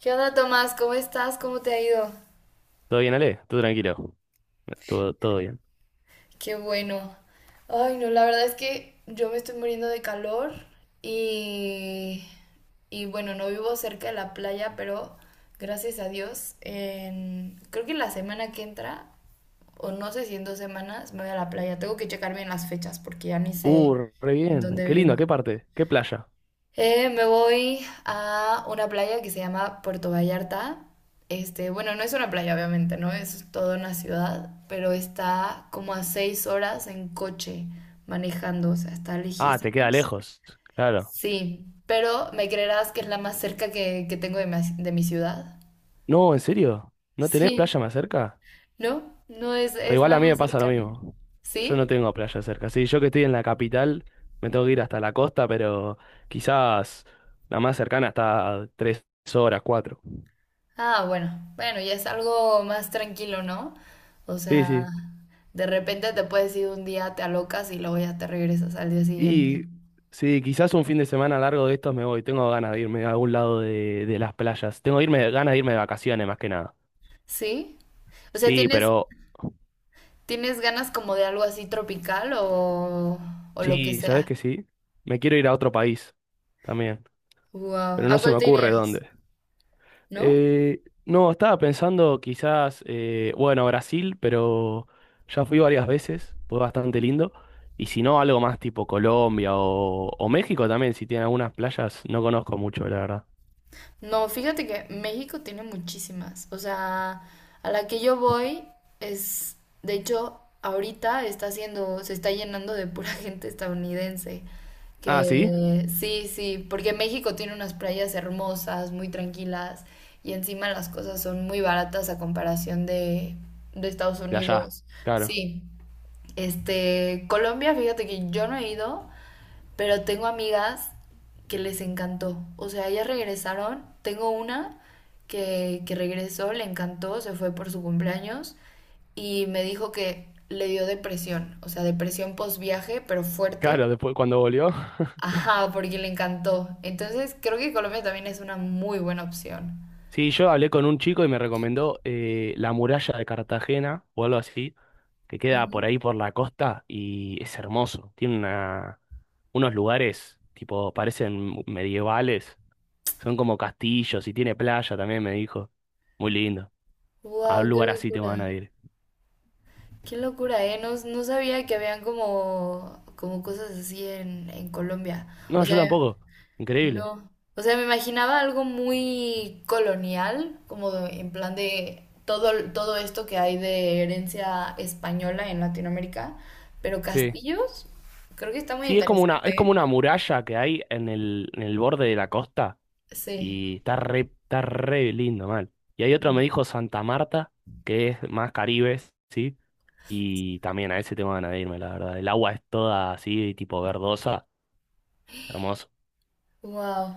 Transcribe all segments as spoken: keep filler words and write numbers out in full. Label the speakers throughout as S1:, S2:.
S1: ¿Qué onda, Tomás? ¿Cómo estás? ¿Cómo te ha ido?
S2: ¿Todo bien, Ale? Tú tranquilo. Todo, todo bien.
S1: Qué bueno. Ay, no, la verdad es que yo me estoy muriendo de calor y, y bueno, no vivo cerca de la playa, pero gracias a Dios, en- creo que la semana que entra, o no sé si en dos semanas, me voy a la playa. Tengo que checar bien las fechas porque ya ni sé
S2: Uh, re
S1: en
S2: bien.
S1: dónde
S2: Qué lindo,
S1: vivo.
S2: ¿qué parte? ¿Qué playa?
S1: Eh, me voy a una playa que se llama Puerto Vallarta. Este, bueno, no es una playa, obviamente, ¿no? Es toda una ciudad, pero está como a seis horas en coche manejando, o sea, está
S2: Ah, te queda
S1: lejísimos.
S2: lejos. Claro.
S1: Sí, pero me creerás que es la más cerca que, que tengo de mi, de mi ciudad.
S2: No, ¿en serio? ¿No tenés
S1: Sí,
S2: playa más cerca?
S1: ¿no? No es,
S2: O
S1: es
S2: igual
S1: la
S2: a mí me
S1: más
S2: pasa lo
S1: cercana.
S2: mismo. Yo no
S1: ¿Sí?
S2: tengo playa cerca. Sí, yo que estoy en la capital, me tengo que ir hasta la costa, pero quizás la más cercana está a tres horas, cuatro.
S1: Ah, bueno, bueno, ya es algo más tranquilo, ¿no? O
S2: Sí,
S1: sea,
S2: sí.
S1: de repente te puedes ir un día, te alocas y luego ya te regresas al día siguiente.
S2: Y sí, quizás un fin de semana largo de estos me voy. Tengo ganas de irme a algún lado de, de las playas. Tengo irme, ganas de irme de vacaciones más que nada.
S1: ¿Sí? O sea,
S2: Sí,
S1: ¿tienes,
S2: pero
S1: tienes ganas como de algo así tropical o, o lo que
S2: sí, ¿sabes
S1: sea?
S2: qué sí? Me quiero ir a otro país también,
S1: Wow.
S2: pero no
S1: ¿A
S2: se
S1: cuál
S2: me
S1: te
S2: ocurre
S1: irías?
S2: dónde.
S1: ¿No?
S2: Eh, no, estaba pensando quizás, eh, bueno, Brasil, pero ya fui varias veces, fue bastante lindo. Y si no, algo más tipo Colombia o, o México también, si tiene algunas playas, no conozco mucho, la verdad.
S1: No, fíjate que México tiene muchísimas. O sea, a la que yo voy es, de hecho, ahorita está haciendo, se está llenando de pura gente estadounidense.
S2: Ah, sí,
S1: Que sí, sí, porque México tiene unas playas hermosas, muy tranquilas, y encima las cosas son muy baratas a comparación de, de Estados
S2: de allá,
S1: Unidos.
S2: claro.
S1: Sí, este, Colombia, fíjate que yo no he ido, pero tengo amigas que les encantó. O sea, ellas regresaron. Tengo una que, que regresó, le encantó, se fue por su cumpleaños y me dijo que le dio depresión. O sea, depresión post viaje, pero fuerte.
S2: Claro, después cuando volvió.
S1: Ajá, porque le encantó. Entonces, creo que Colombia también es una muy buena opción.
S2: Sí, yo hablé con un chico y me recomendó eh, la muralla de Cartagena o algo así, que queda
S1: Ujú.
S2: por ahí por la costa y es hermoso. Tiene una, unos lugares, tipo, parecen medievales, son como castillos y tiene playa también, me dijo. Muy lindo. A un
S1: Wow, qué
S2: lugar así te
S1: locura.
S2: van a ir.
S1: Qué locura, ¿eh? No, no sabía que habían como, como cosas así en, en Colombia. O
S2: No,
S1: sea,
S2: yo tampoco. Increíble.
S1: no, o sea, me imaginaba algo muy colonial, como de- en plan de todo, todo esto que hay de herencia española en Latinoamérica, pero
S2: Sí.
S1: castillos, creo que está muy
S2: Sí, es como una, es
S1: interesante,
S2: como
S1: ¿eh?
S2: una muralla que hay en el, en el borde de la costa.
S1: Sí,
S2: Y está re, está re lindo, mal. Y hay otro, me dijo Santa Marta, que es más caribes, ¿sí? Y también a ese tengo ganas de irme, la verdad. El agua es toda así, tipo verdosa, hermoso.
S1: wow.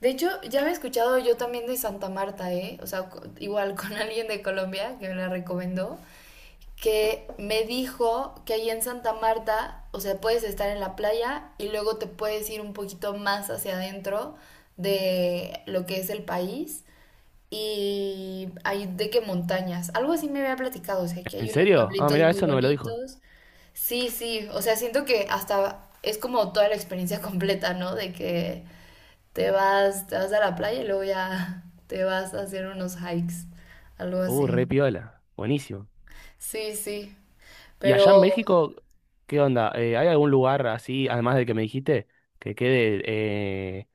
S1: De hecho, ya había escuchado yo también de Santa Marta, ¿eh? O sea, co- igual con alguien de Colombia que me la recomendó, que me dijo que ahí en Santa Marta, o sea, puedes estar en la playa y luego te puedes ir un poquito más hacia adentro de lo que es el país y hay de qué montañas. Algo así me había platicado, o sea, que
S2: ¿En
S1: hay unos
S2: serio? Ah,
S1: pueblitos
S2: mirá,
S1: muy
S2: eso no me lo dijo.
S1: bonitos. Sí, sí, o sea, siento que hasta es como toda la experiencia completa, ¿no? De que te vas, te vas a la playa y luego ya te vas a hacer unos hikes, algo
S2: Uh,
S1: así.
S2: re piola. Buenísimo.
S1: Sí, sí,
S2: ¿Y
S1: pero
S2: allá en México, qué onda? Eh, ¿hay algún lugar así, además del que me dijiste, que quede, eh,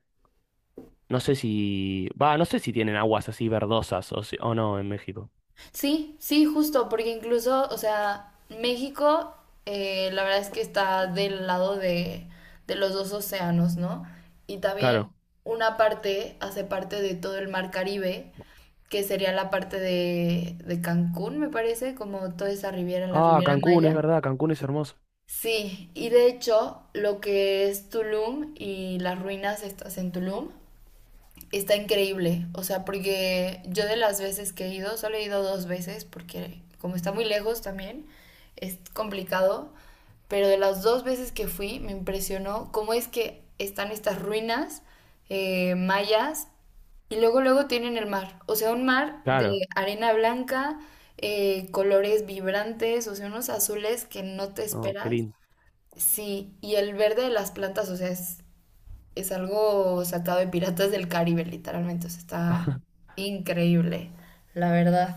S2: no sé si, va, no sé si tienen aguas así verdosas o, si- o no en México?
S1: sí, sí, justo, porque incluso, o sea, México, eh, la verdad es que está del lado de, de los dos océanos, ¿no? Y también
S2: Claro.
S1: una parte hace parte de todo el mar Caribe, que sería la parte de, de Cancún, me parece, como toda esa riviera, la
S2: Ah,
S1: Riviera
S2: Cancún, es
S1: Maya.
S2: verdad, Cancún es hermoso.
S1: Sí, y de hecho, lo que es Tulum y las ruinas estas en Tulum está increíble. O sea, porque yo de las veces que he ido, solo he ido dos veces, porque como está muy lejos también, es complicado. Pero de las dos veces que fui, me impresionó cómo es que están estas ruinas eh, mayas y luego, luego tienen el mar. O sea, un mar de
S2: Claro.
S1: arena blanca, eh, colores vibrantes, o sea, unos azules que no te
S2: No, qué
S1: esperas.
S2: lindo.
S1: Sí, y el verde de las plantas, o sea, es es algo sacado de Piratas del Caribe, literalmente. O sea, está increíble, la verdad.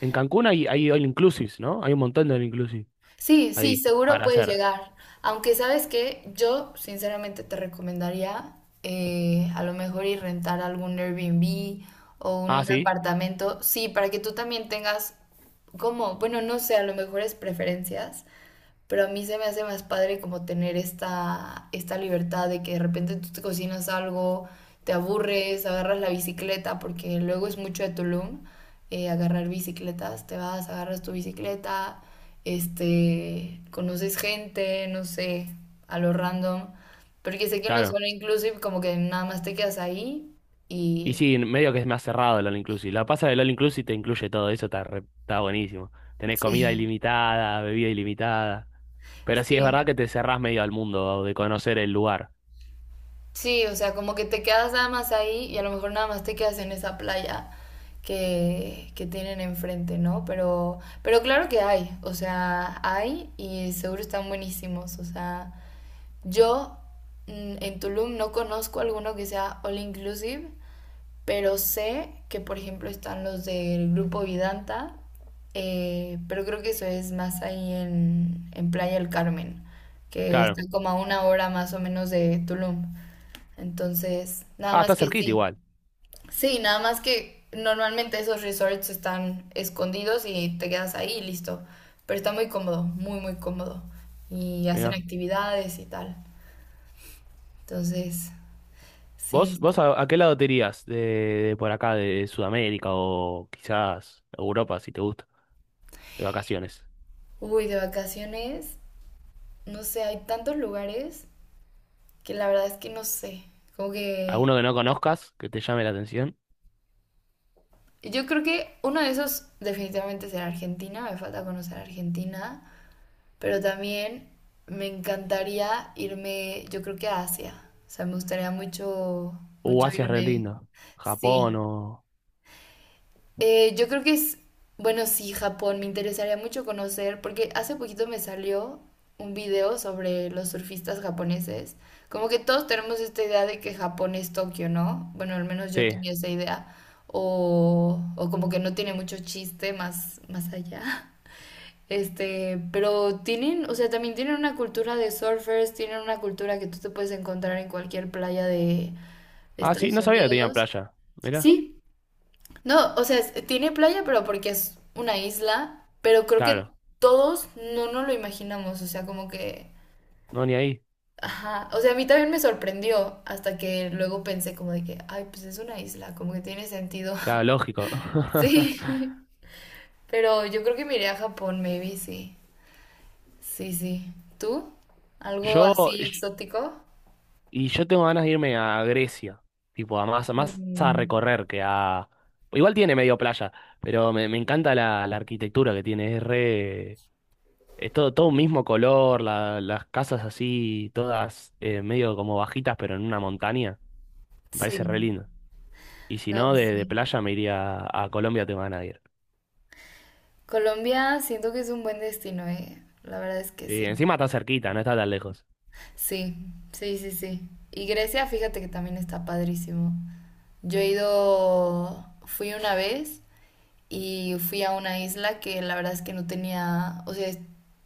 S2: En Cancún hay, hay all inclusives, ¿no? Hay un montón de all inclusive
S1: Sí, sí,
S2: ahí
S1: seguro
S2: para
S1: puedes
S2: hacer.
S1: llegar. Aunque sabes que yo sinceramente te recomendaría eh, a lo mejor ir rentar algún Airbnb o
S2: Ah,
S1: un
S2: sí,
S1: apartamento. Sí, para que tú también tengas como, bueno, no sé, a lo mejor es preferencias. Pero a mí se me hace más padre como tener esta, esta libertad de que de repente tú te cocinas algo, te aburres, agarras la bicicleta, porque luego es mucho de Tulum eh, agarrar bicicletas, te vas, agarras tu bicicleta, este, conoces gente, no sé, a lo random, porque sé que en los
S2: claro.
S1: All Inclusive como que nada más te quedas ahí
S2: Y
S1: y
S2: sí, en medio que es más cerrado el all inclusive. La pasa del all inclusive te incluye todo eso, está, re- está buenísimo. Tenés comida
S1: sí,
S2: ilimitada, bebida ilimitada. Pero sí es
S1: sí.
S2: verdad que te cerrás medio al mundo de conocer el lugar.
S1: Sí, o sea, como que te quedas nada más ahí y a lo mejor nada más te quedas en esa playa que, que tienen enfrente, ¿no? Pero, pero claro que hay, o sea, hay y seguro están buenísimos, o sea, yo mm, en Tulum no conozco alguno que sea all inclusive, pero sé que por ejemplo están los del grupo Vidanta, eh, pero creo que eso es más ahí en, en Playa del Carmen, que
S2: Claro.
S1: está como a una hora más o menos de Tulum. Entonces, nada
S2: Ah,
S1: más
S2: está
S1: que
S2: cerquita
S1: sí.
S2: igual.
S1: Sí, nada más que normalmente esos resorts están escondidos y te quedas ahí y listo. Pero está muy cómodo, muy, muy cómodo. Y hacen
S2: Mirá.
S1: actividades y tal. Entonces, sí,
S2: ¿Vos, vos
S1: está.
S2: a, a qué lado te irías de, de por acá, de Sudamérica o quizás Europa, si te gusta, de vacaciones?
S1: Uy, de vacaciones, no sé, hay tantos lugares que la verdad es que no sé. Como que
S2: ¿Alguno que no conozcas que te llame la atención?
S1: yo creo que uno de esos definitivamente será Argentina, me falta conocer Argentina. Pero también me encantaría irme, yo creo que a Asia. O sea, me gustaría mucho,
S2: Uh,
S1: mucho
S2: Asia es re
S1: irme.
S2: lindo.
S1: Sí.
S2: ¿Japón o...?
S1: Eh, yo creo que es, bueno, sí, Japón, me interesaría mucho conocer, porque hace poquito me salió un video sobre los surfistas japoneses. Como que todos tenemos esta idea de que Japón es Tokio, ¿no? Bueno, al menos yo
S2: Sí.
S1: tenía esa idea. O, o como que no tiene mucho chiste más, más allá. Este, pero tienen, o sea, también tienen una cultura de surfers, tienen una cultura que tú te puedes encontrar en cualquier playa de
S2: Ah, sí,
S1: Estados
S2: no sabía que tenía
S1: Unidos.
S2: playa. Mirá.
S1: Sí, no, o sea, es- tiene playa, pero porque es una isla, pero creo que
S2: Claro.
S1: todos no nos lo imaginamos, o sea, como que,
S2: No, ni ahí.
S1: ajá, o sea, a mí también me sorprendió hasta que luego pensé como de que, ay, pues es una isla, como que tiene sentido.
S2: Claro, lógico.
S1: Sí, pero yo creo que me iré a Japón, maybe, sí. Sí, sí. ¿Tú? ¿Algo
S2: Yo...
S1: así
S2: yo-
S1: exótico?
S2: Y yo tengo ganas de irme a Grecia. Tipo, a más, más a
S1: Mm,
S2: recorrer que a... Igual tiene medio playa, pero me, me encanta la, la arquitectura que tiene. Es re... Es todo, todo un mismo color, la- las casas así, todas eh, medio como bajitas, pero en una montaña. Me parece re
S1: sí,
S2: lindo. Y si no,
S1: no,
S2: de, de
S1: sí.
S2: playa me iría a, a Colombia, tengo ganas de ir.
S1: Colombia siento que es un buen destino, eh. La verdad es que
S2: Sí,
S1: sí.
S2: encima está cerquita, no está tan lejos.
S1: Sí, sí, sí, sí. Y Grecia, fíjate que también está padrísimo. Yo he ido, fui una vez y fui a una isla que la verdad es que no tenía, o sea,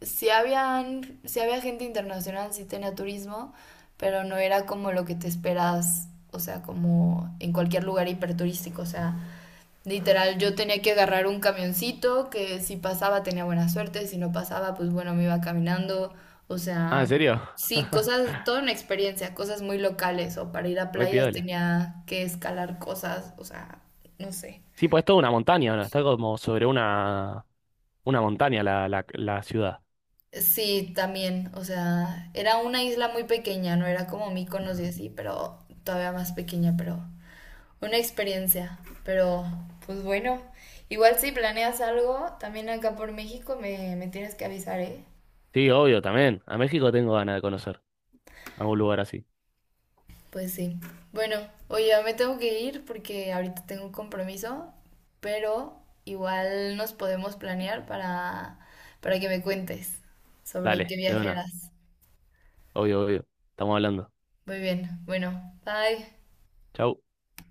S1: sí habían, sí había gente internacional, sí tenía turismo, pero no era como lo que te esperas, o sea, como en cualquier lugar hiperturístico, o sea, literal yo tenía que agarrar un camioncito que si pasaba tenía buena suerte, si no pasaba, pues bueno, me iba caminando, o
S2: Ah,
S1: sea,
S2: ¿en serio?
S1: sí, cosas, toda una experiencia, cosas muy locales, o para ir a
S2: Re
S1: playas
S2: piola.
S1: tenía que escalar cosas, o sea, no sé.
S2: Sí, pues es toda una montaña, ¿no? Está como sobre una, una montaña la, la, la ciudad.
S1: Sí, también, o sea, era una isla muy pequeña, no era como Mykonos y así, pero todavía más pequeña, pero una experiencia, pero pues bueno, igual si planeas algo, también acá por México me, me tienes que avisar, ¿eh?
S2: Sí, obvio, también. A México tengo ganas de conocer algún lugar así.
S1: Pues sí. Bueno, oye, ya me tengo que ir porque ahorita tengo un compromiso, pero igual nos podemos planear para, para, que me cuentes sobre qué
S2: Dale, de
S1: viaje.
S2: una. Obvio, obvio. Estamos hablando.
S1: Muy bien, bueno, bye.
S2: Chau.